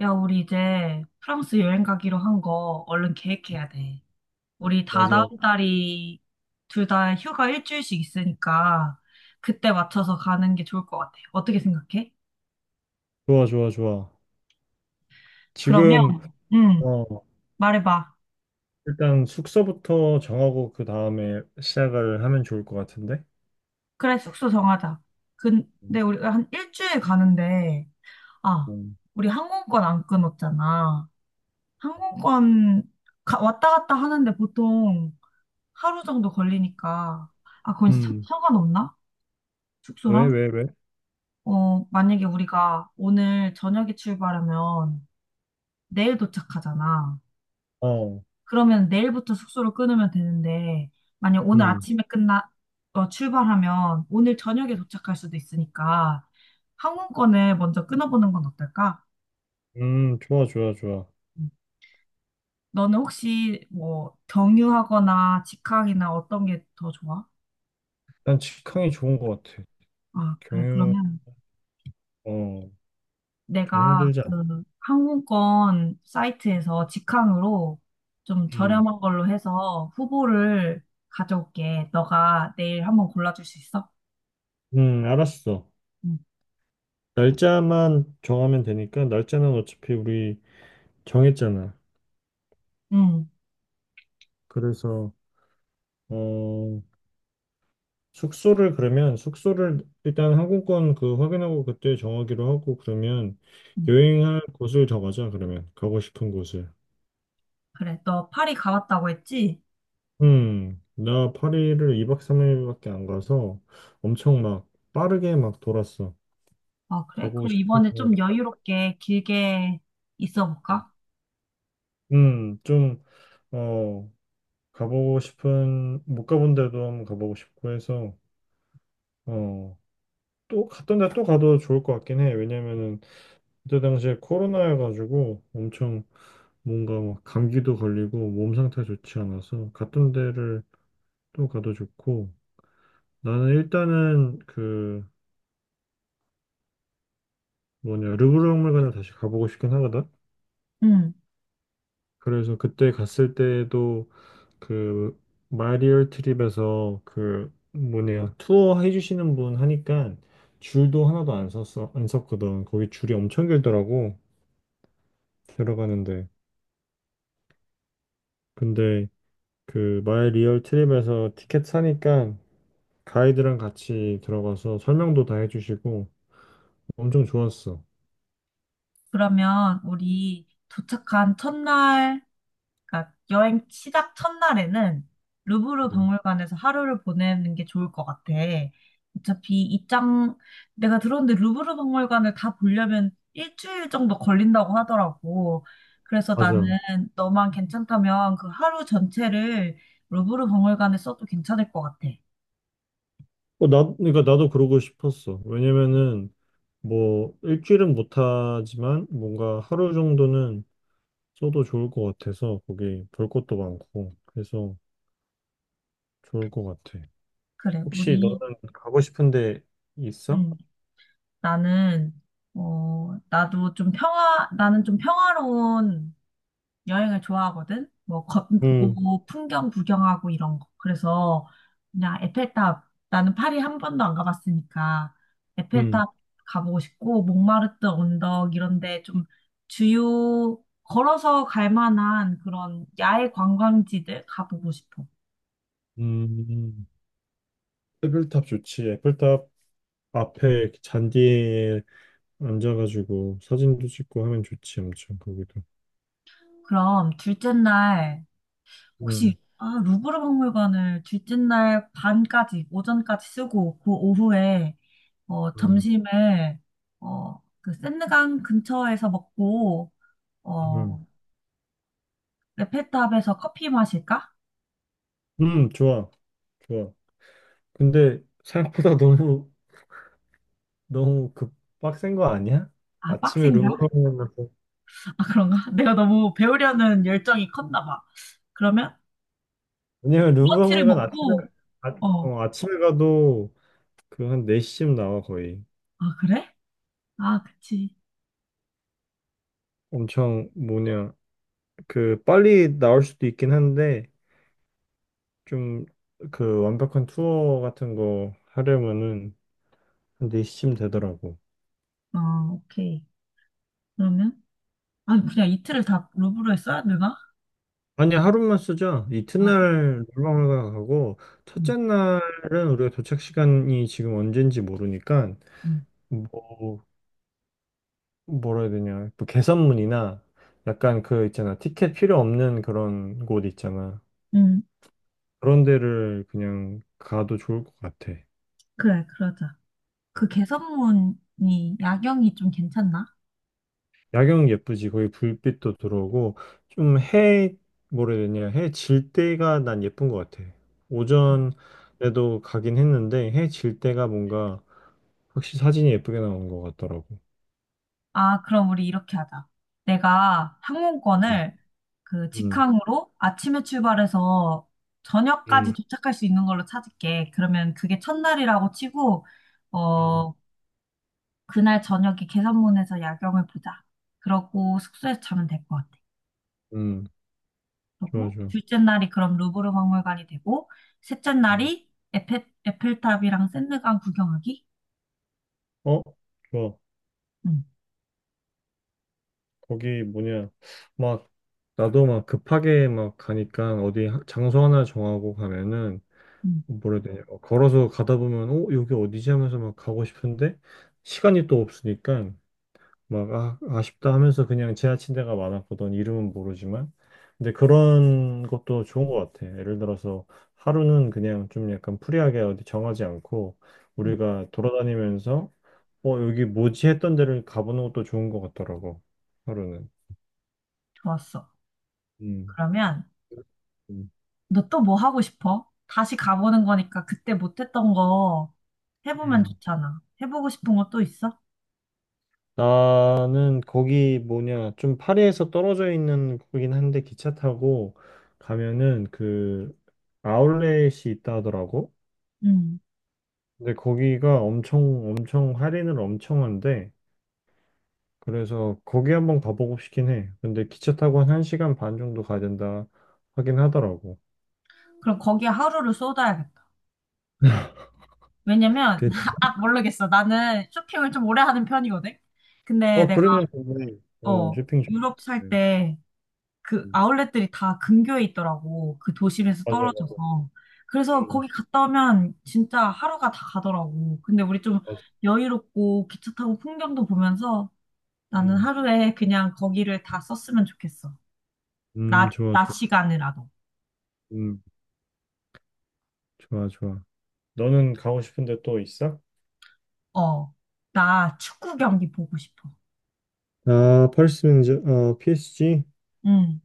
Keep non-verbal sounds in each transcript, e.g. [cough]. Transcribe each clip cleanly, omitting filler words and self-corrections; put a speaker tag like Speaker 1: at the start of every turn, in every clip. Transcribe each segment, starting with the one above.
Speaker 1: 야, 우리 이제 프랑스 여행 가기로 한 거 얼른 계획해야 돼. 우리 다다음
Speaker 2: 맞아요.
Speaker 1: 달이 둘 다 휴가 일주일씩 있으니까 그때 맞춰서 가는 게 좋을 것 같아. 어떻게 생각해?
Speaker 2: 좋아, 좋아, 좋아.
Speaker 1: 그러면,
Speaker 2: 지금,
Speaker 1: 응,
Speaker 2: 어,
Speaker 1: 말해봐.
Speaker 2: 일단 숙소부터 정하고 그 다음에 시작을 하면 좋을 것 같은데?
Speaker 1: 그래, 숙소 정하자. 근데
Speaker 2: 음,
Speaker 1: 우리 한 일주일 가는데, 아,
Speaker 2: 음.
Speaker 1: 우리 항공권 안 끊었잖아. 항공권 왔다 갔다 하는데 보통 하루 정도 걸리니까, 아, 그건
Speaker 2: 음,
Speaker 1: 상관없나?
Speaker 2: 왜,
Speaker 1: 숙소랑?
Speaker 2: 왜, 왜?
Speaker 1: 어, 만약에 우리가 오늘 저녁에 출발하면 내일 도착하잖아.
Speaker 2: 어,
Speaker 1: 그러면 내일부터 숙소를 끊으면 되는데, 만약 오늘
Speaker 2: 음,
Speaker 1: 아침에 끝나, 어, 출발하면 오늘 저녁에 도착할 수도 있으니까 항공권을 먼저 끊어보는 건 어떨까?
Speaker 2: 좋아, 좋아, 좋아.
Speaker 1: 음. 너는 혹시 뭐 경유하거나 직항이나 어떤 게 더 좋아?
Speaker 2: 난 직항이 좋은 것 같아.
Speaker 1: 아, 그래.
Speaker 2: 경유,
Speaker 1: 그러면
Speaker 2: 어, 좀
Speaker 1: 내가
Speaker 2: 힘들지 않아?
Speaker 1: 그 항공권 사이트에서 직항으로 좀
Speaker 2: 음,
Speaker 1: 저렴한 걸로 해서 후보를 가져올게. 너가 내일 한번 골라줄 수 있어?
Speaker 2: 알았어.
Speaker 1: 응.
Speaker 2: 날짜만 정하면 되니까, 날짜는 어차피 우리 정했잖아.
Speaker 1: 응.
Speaker 2: 그래서, 어, 숙소를 일단 항공권 그 확인하고 그때 정하기로 하고 그러면
Speaker 1: 응.
Speaker 2: 여행할 곳을 정하자. 그러면 가고 싶은 곳을.
Speaker 1: 그래. 너 파리 가봤다고 했지?
Speaker 2: 나 파리를 2박 3일밖에 안 가서 엄청 막 빠르게 막 돌았어.
Speaker 1: 아, 그래?
Speaker 2: 가고
Speaker 1: 그럼
Speaker 2: 싶은
Speaker 1: 이번에 좀
Speaker 2: 곳.
Speaker 1: 여유롭게 길게 있어 볼까?
Speaker 2: 좀, 어, 가보고 싶은, 못 가본 데도 한번 가보고 싶고 해서, 어, 또 갔던 데 또 가도 좋을 것 같긴 해. 왜냐면은, 그때 당시에 코로나여가지고 엄청 뭔가 막 감기도 걸리고 몸 상태가 좋지 않아서 갔던 데를 또 가도 좋고, 나는 일단은 그 뭐냐, 르브르 박물관을 다시 가보고 싶긴 하거든.
Speaker 1: 응.
Speaker 2: 그래서 그때 갔을 때도 그 마리얼 트립에서 그 뭐냐, 투어 해주시는 분 하니까 줄도 하나도 안 섰어, 안 섰거든. 거기 줄이 엄청 길더라고, 들어가는데. 근데 그 마리얼 트립에서 티켓 사니까 가이드랑 같이 들어가서 설명도 다 해주시고 엄청 좋았어.
Speaker 1: 그러면 우리 도착한 첫날 그러니까 여행 시작 첫날에는 루브르
Speaker 2: 음,
Speaker 1: 박물관에서 하루를 보내는 게 좋을 것 같아. 어차피 내가 들었는데 루브르 박물관을 다 보려면 일주일 정도 걸린다고 하더라고. 그래서 나는
Speaker 2: 맞아.
Speaker 1: 너만 괜찮다면 그 하루 전체를 루브르 박물관에 써도 괜찮을 것 같아.
Speaker 2: 그러니까 나도 그러고 싶었어. 왜냐면은 뭐 일주일은 못하지만 뭔가 하루 정도는 써도 좋을 것 같아서, 거기 볼 것도 많고 그래서 좋을 것 같아.
Speaker 1: 그래,
Speaker 2: 혹시 너는 가고 싶은데 있어?
Speaker 1: 음, 나는, 나도 좀 평화로운 여행을 좋아하거든? 뭐,
Speaker 2: 응,
Speaker 1: 걷고, 풍경 구경하고 이런 거. 그래서, 그냥 에펠탑, 나는 파리 한 번도 안 가봤으니까,
Speaker 2: 응,
Speaker 1: 에펠탑 가보고 싶고, 몽마르트 언덕, 이런데 좀 걸어서 갈 만한 그런 야외 관광지들 가보고 싶어.
Speaker 2: 음. 에펠탑 좋지. 에펠탑 앞에 잔디에 앉아가지고 사진도 찍고 하면 좋지, 엄청 거기도.
Speaker 1: 그럼 둘째 날,
Speaker 2: 음,
Speaker 1: 혹시 아, 루브르 박물관을 둘째 날 오전까지 쓰고 그 오후에
Speaker 2: 음,
Speaker 1: 점심을 그 센강 근처에서 먹고
Speaker 2: 음,
Speaker 1: 어, 에펠탑에서 커피 마실까?
Speaker 2: 좋아, 좋아. 근데 생각보다 너무, 너무 급 빡센 거 아니야?
Speaker 1: 아,
Speaker 2: 아침에 루브르
Speaker 1: 빡센가?
Speaker 2: 가서,
Speaker 1: 아, 그런가? [laughs] 내가 너무 배우려는 열정이 컸나 봐. 그러면
Speaker 2: 왜냐면
Speaker 1: 브런치를
Speaker 2: 루브르 관 아침에,
Speaker 1: 먹고
Speaker 2: 아,
Speaker 1: 어,
Speaker 2: 아침에 가도 그 한 4시쯤 나와, 거의.
Speaker 1: 아, 그래? 아, 그치.
Speaker 2: 엄청, 뭐냐, 그, 빨리 나올 수도 있긴 한데, 좀, 그 완벽한 투어 같은 거 하려면은 한 4시쯤 되더라고.
Speaker 1: 어, 오케이. 그러면 아, 그냥 이틀을 다 루브르에 써야 되나?
Speaker 2: 아니, 하루만 쓰죠.
Speaker 1: 아, 그래.
Speaker 2: 이튿날 놀러가 가고,
Speaker 1: 응,
Speaker 2: 첫째 날은 우리가 도착 시간이 지금 언젠지 모르니까,
Speaker 1: 응.
Speaker 2: 뭐, 뭐라 해야 되냐. 뭐 개선문이나 약간 그 있잖아, 티켓 필요 없는 그런 곳 있잖아.
Speaker 1: 응,
Speaker 2: 그런 데를 그냥 가도 좋을 것 같아.
Speaker 1: 그래, 그러자. 그
Speaker 2: 어.
Speaker 1: 개선문이 야경이 좀 괜찮나?
Speaker 2: 야경 예쁘지. 거기 불빛도 들어오고, 좀 해, 뭐라 해야 되냐, 해 질 때가 난 예쁜 것 같아.
Speaker 1: 음.
Speaker 2: 오전에도 가긴 했는데, 해 질 때가 뭔가, 확실히 사진이 예쁘게 나온 것 같더라고.
Speaker 1: 아, 그럼 우리 이렇게 하자. 내가
Speaker 2: 음,
Speaker 1: 항공권을 그
Speaker 2: 음,
Speaker 1: 직항으로 아침에 출발해서 저녁까지
Speaker 2: 음,
Speaker 1: 도착할 수 있는 걸로 찾을게. 그러면 그게 첫날이라고 치고,
Speaker 2: 음,
Speaker 1: 어, 그날 저녁에 개선문에서 야경을 보자. 그러고 숙소에서 자면 될 것 같아.
Speaker 2: 음. 좋아,
Speaker 1: 그러고
Speaker 2: 좋아.
Speaker 1: 둘째 날이 그럼 루브르 박물관이 되고, 셋째
Speaker 2: 음,
Speaker 1: 날이 에펠탑이랑 샌드강 구경하기?
Speaker 2: 어? 좋아.
Speaker 1: 응,
Speaker 2: 거기 뭐냐. 막, 나도 막 급하게 막 가니까 어디 장소 하나 정하고 가면은,
Speaker 1: 응,
Speaker 2: 뭐라 해야 되냐, 걸어서 가다 보면, 여기 어디지 하면서 막 가고 싶은데 시간이 또 없으니까 막 아, 아쉽다 하면서 그냥 지나친 데가 많았거든, 이름은 모르지만. 근데 그런 것도 좋은 것 같아. 예를 들어서 하루는 그냥 좀 약간 프리하게 어디 정하지 않고
Speaker 1: 응.
Speaker 2: 우리가 돌아다니면서 여기 뭐지 했던 데를 가보는 것도 좋은 것 같더라고, 하루는.
Speaker 1: 좋았어.
Speaker 2: 음,
Speaker 1: 그러면
Speaker 2: 음.
Speaker 1: 너 또 뭐 하고 싶어? 다시 가보는 거니까 그때 못했던 거 해보면
Speaker 2: 음.
Speaker 1: 좋잖아. 해보고 싶은 거 또 있어?
Speaker 2: 나는 거기 뭐냐, 좀 파리에서 떨어져 있는 거긴 한데 기차 타고 가면은 그 아울렛이 있다 하더라고.
Speaker 1: 응.
Speaker 2: 근데 거기가 엄청 엄청 할인을 엄청 한대. 그래서 거기 한번 가보고 싶긴 해. 근데 기차 타고 한 1시간 반 정도 가야 된다 하긴 하더라고.
Speaker 1: 그럼 거기에 하루를 쏟아야겠다. 왜냐면,
Speaker 2: 그-
Speaker 1: [laughs] 아, 모르겠어. 나는 쇼핑을 좀 오래 하는 편이거든? 근데
Speaker 2: 어, 그러면 좋네. 어,
Speaker 1: 어,
Speaker 2: 쇼핑 좋
Speaker 1: 유럽 살 때 그 아울렛들이 다 근교에 있더라고. 그 도심에서
Speaker 2: 맞아, 맞아.
Speaker 1: 떨어져서. 그래서
Speaker 2: 음,
Speaker 1: 거기 갔다 오면 진짜 하루가 다 가더라고. 근데 우리 좀
Speaker 2: 맞아.
Speaker 1: 여유롭고 기차 타고 풍경도 보면서 나는
Speaker 2: 음.
Speaker 1: 하루에 그냥 거기를 다 썼으면 좋겠어. 낮,
Speaker 2: 좋아,
Speaker 1: 낮
Speaker 2: 좋아.
Speaker 1: 시간이라도.
Speaker 2: 음, 좋아, 좋아. 너는 가고 싶은데 또 있어?
Speaker 1: 어, 나 축구 경기 보고 싶어.
Speaker 2: 아, 펄스 경기장, PSG.
Speaker 1: 응,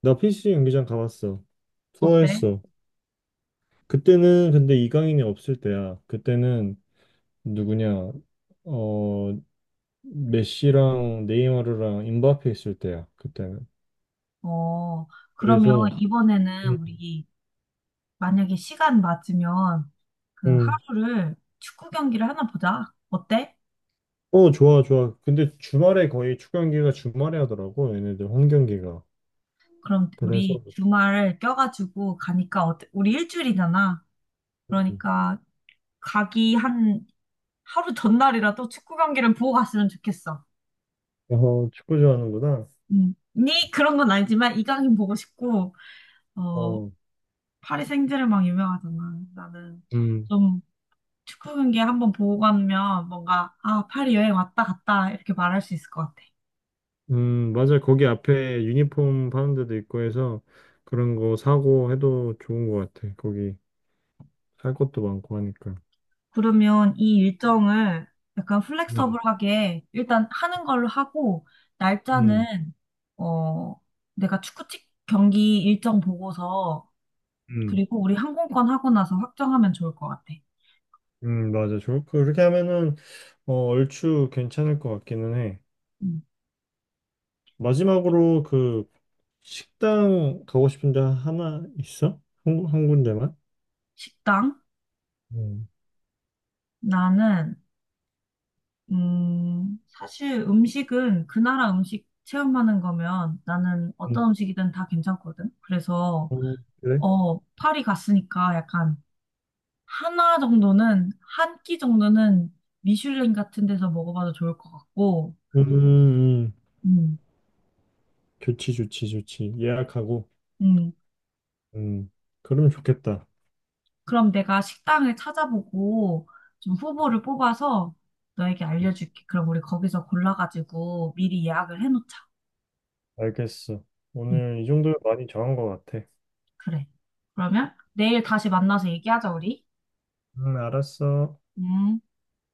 Speaker 2: 나 PSG 경기장 가봤어.
Speaker 1: 어때?
Speaker 2: 투어했어. 그때는 근데 이강인이 없을 때야. 그때는 누구냐, 어, 메시랑 네이마르랑 임바페 있을 때야, 그때는.
Speaker 1: 어, 그러면
Speaker 2: 그래서, 음,
Speaker 1: 이번에는 우리 만약에 시간 맞으면 그
Speaker 2: 음.
Speaker 1: 하루를 축구 경기를 하나 보자. 어때?
Speaker 2: 어, 좋아, 좋아. 근데 주말에 거의 축구 경기가 주말에 하더라고, 얘네들 홈 경기가.
Speaker 1: 그럼
Speaker 2: 그래서,
Speaker 1: 우리 주말 껴가지고 가니까 어때? 우리 일주일이잖아.
Speaker 2: 음.
Speaker 1: 그러니까 가기 한 하루 전날이라도 축구 경기를 보고 갔으면 좋겠어.
Speaker 2: 축구 좋아하는구나.
Speaker 1: 음. 니 그런 건 아니지만 이강인 보고 싶고 어
Speaker 2: 어,
Speaker 1: 파리 생제르맹 유명하잖아. 나는
Speaker 2: 음,
Speaker 1: 좀 축구 경기 한번 보고 가면 뭔가 아 파리 여행 왔다 갔다 이렇게 말할 수 있을 것 같아.
Speaker 2: 맞아. 거기 앞에 유니폼 파는 데도 있고 해서 그런 거 사고 해도 좋은 것 같아. 거기 살 것도 많고 하니까.
Speaker 1: 그러면 이 일정을 약간
Speaker 2: 음,
Speaker 1: 플렉서블하게 일단 하는 걸로 하고
Speaker 2: 음,
Speaker 1: 날짜는 어 내가 축구 측 경기 일정 보고서
Speaker 2: 음.
Speaker 1: 그리고 우리 항공권 하고 나서 확정하면 좋을 것 같아.
Speaker 2: 맞아. 좋을 거. 그렇게 하면은 얼추 괜찮을 것 같기는 해.
Speaker 1: 음.
Speaker 2: 마지막으로 그 식당 가고 싶은 데 하나 있어? 한 군데만?
Speaker 1: 식당
Speaker 2: 음.
Speaker 1: 나는 사실 음식은 그 나라 음식 체험하는 거면 나는
Speaker 2: 음,
Speaker 1: 어떤 음식이든 다 괜찮거든. 그래서,
Speaker 2: 그래?
Speaker 1: 파리 갔으니까 약간 한 끼 정도는 미슐랭 같은 데서 먹어봐도 좋을 것 같고,
Speaker 2: 음, 음.
Speaker 1: 음,
Speaker 2: 좋지, 좋지, 좋지. 예약하고.
Speaker 1: 음.
Speaker 2: 음, 그러면 좋겠다.
Speaker 1: 그럼 내가 식당을 찾아보고 좀 후보를 뽑아서 너에게 알려줄게. 그럼 우리 거기서 골라가지고 미리 예약을 해놓자.
Speaker 2: 알겠어.
Speaker 1: 음,
Speaker 2: 오늘 이 정도면 많이 정한 것 같아.
Speaker 1: 그래. 그러면 내일 다시 만나서 얘기하자, 우리.
Speaker 2: 알았어.
Speaker 1: 음.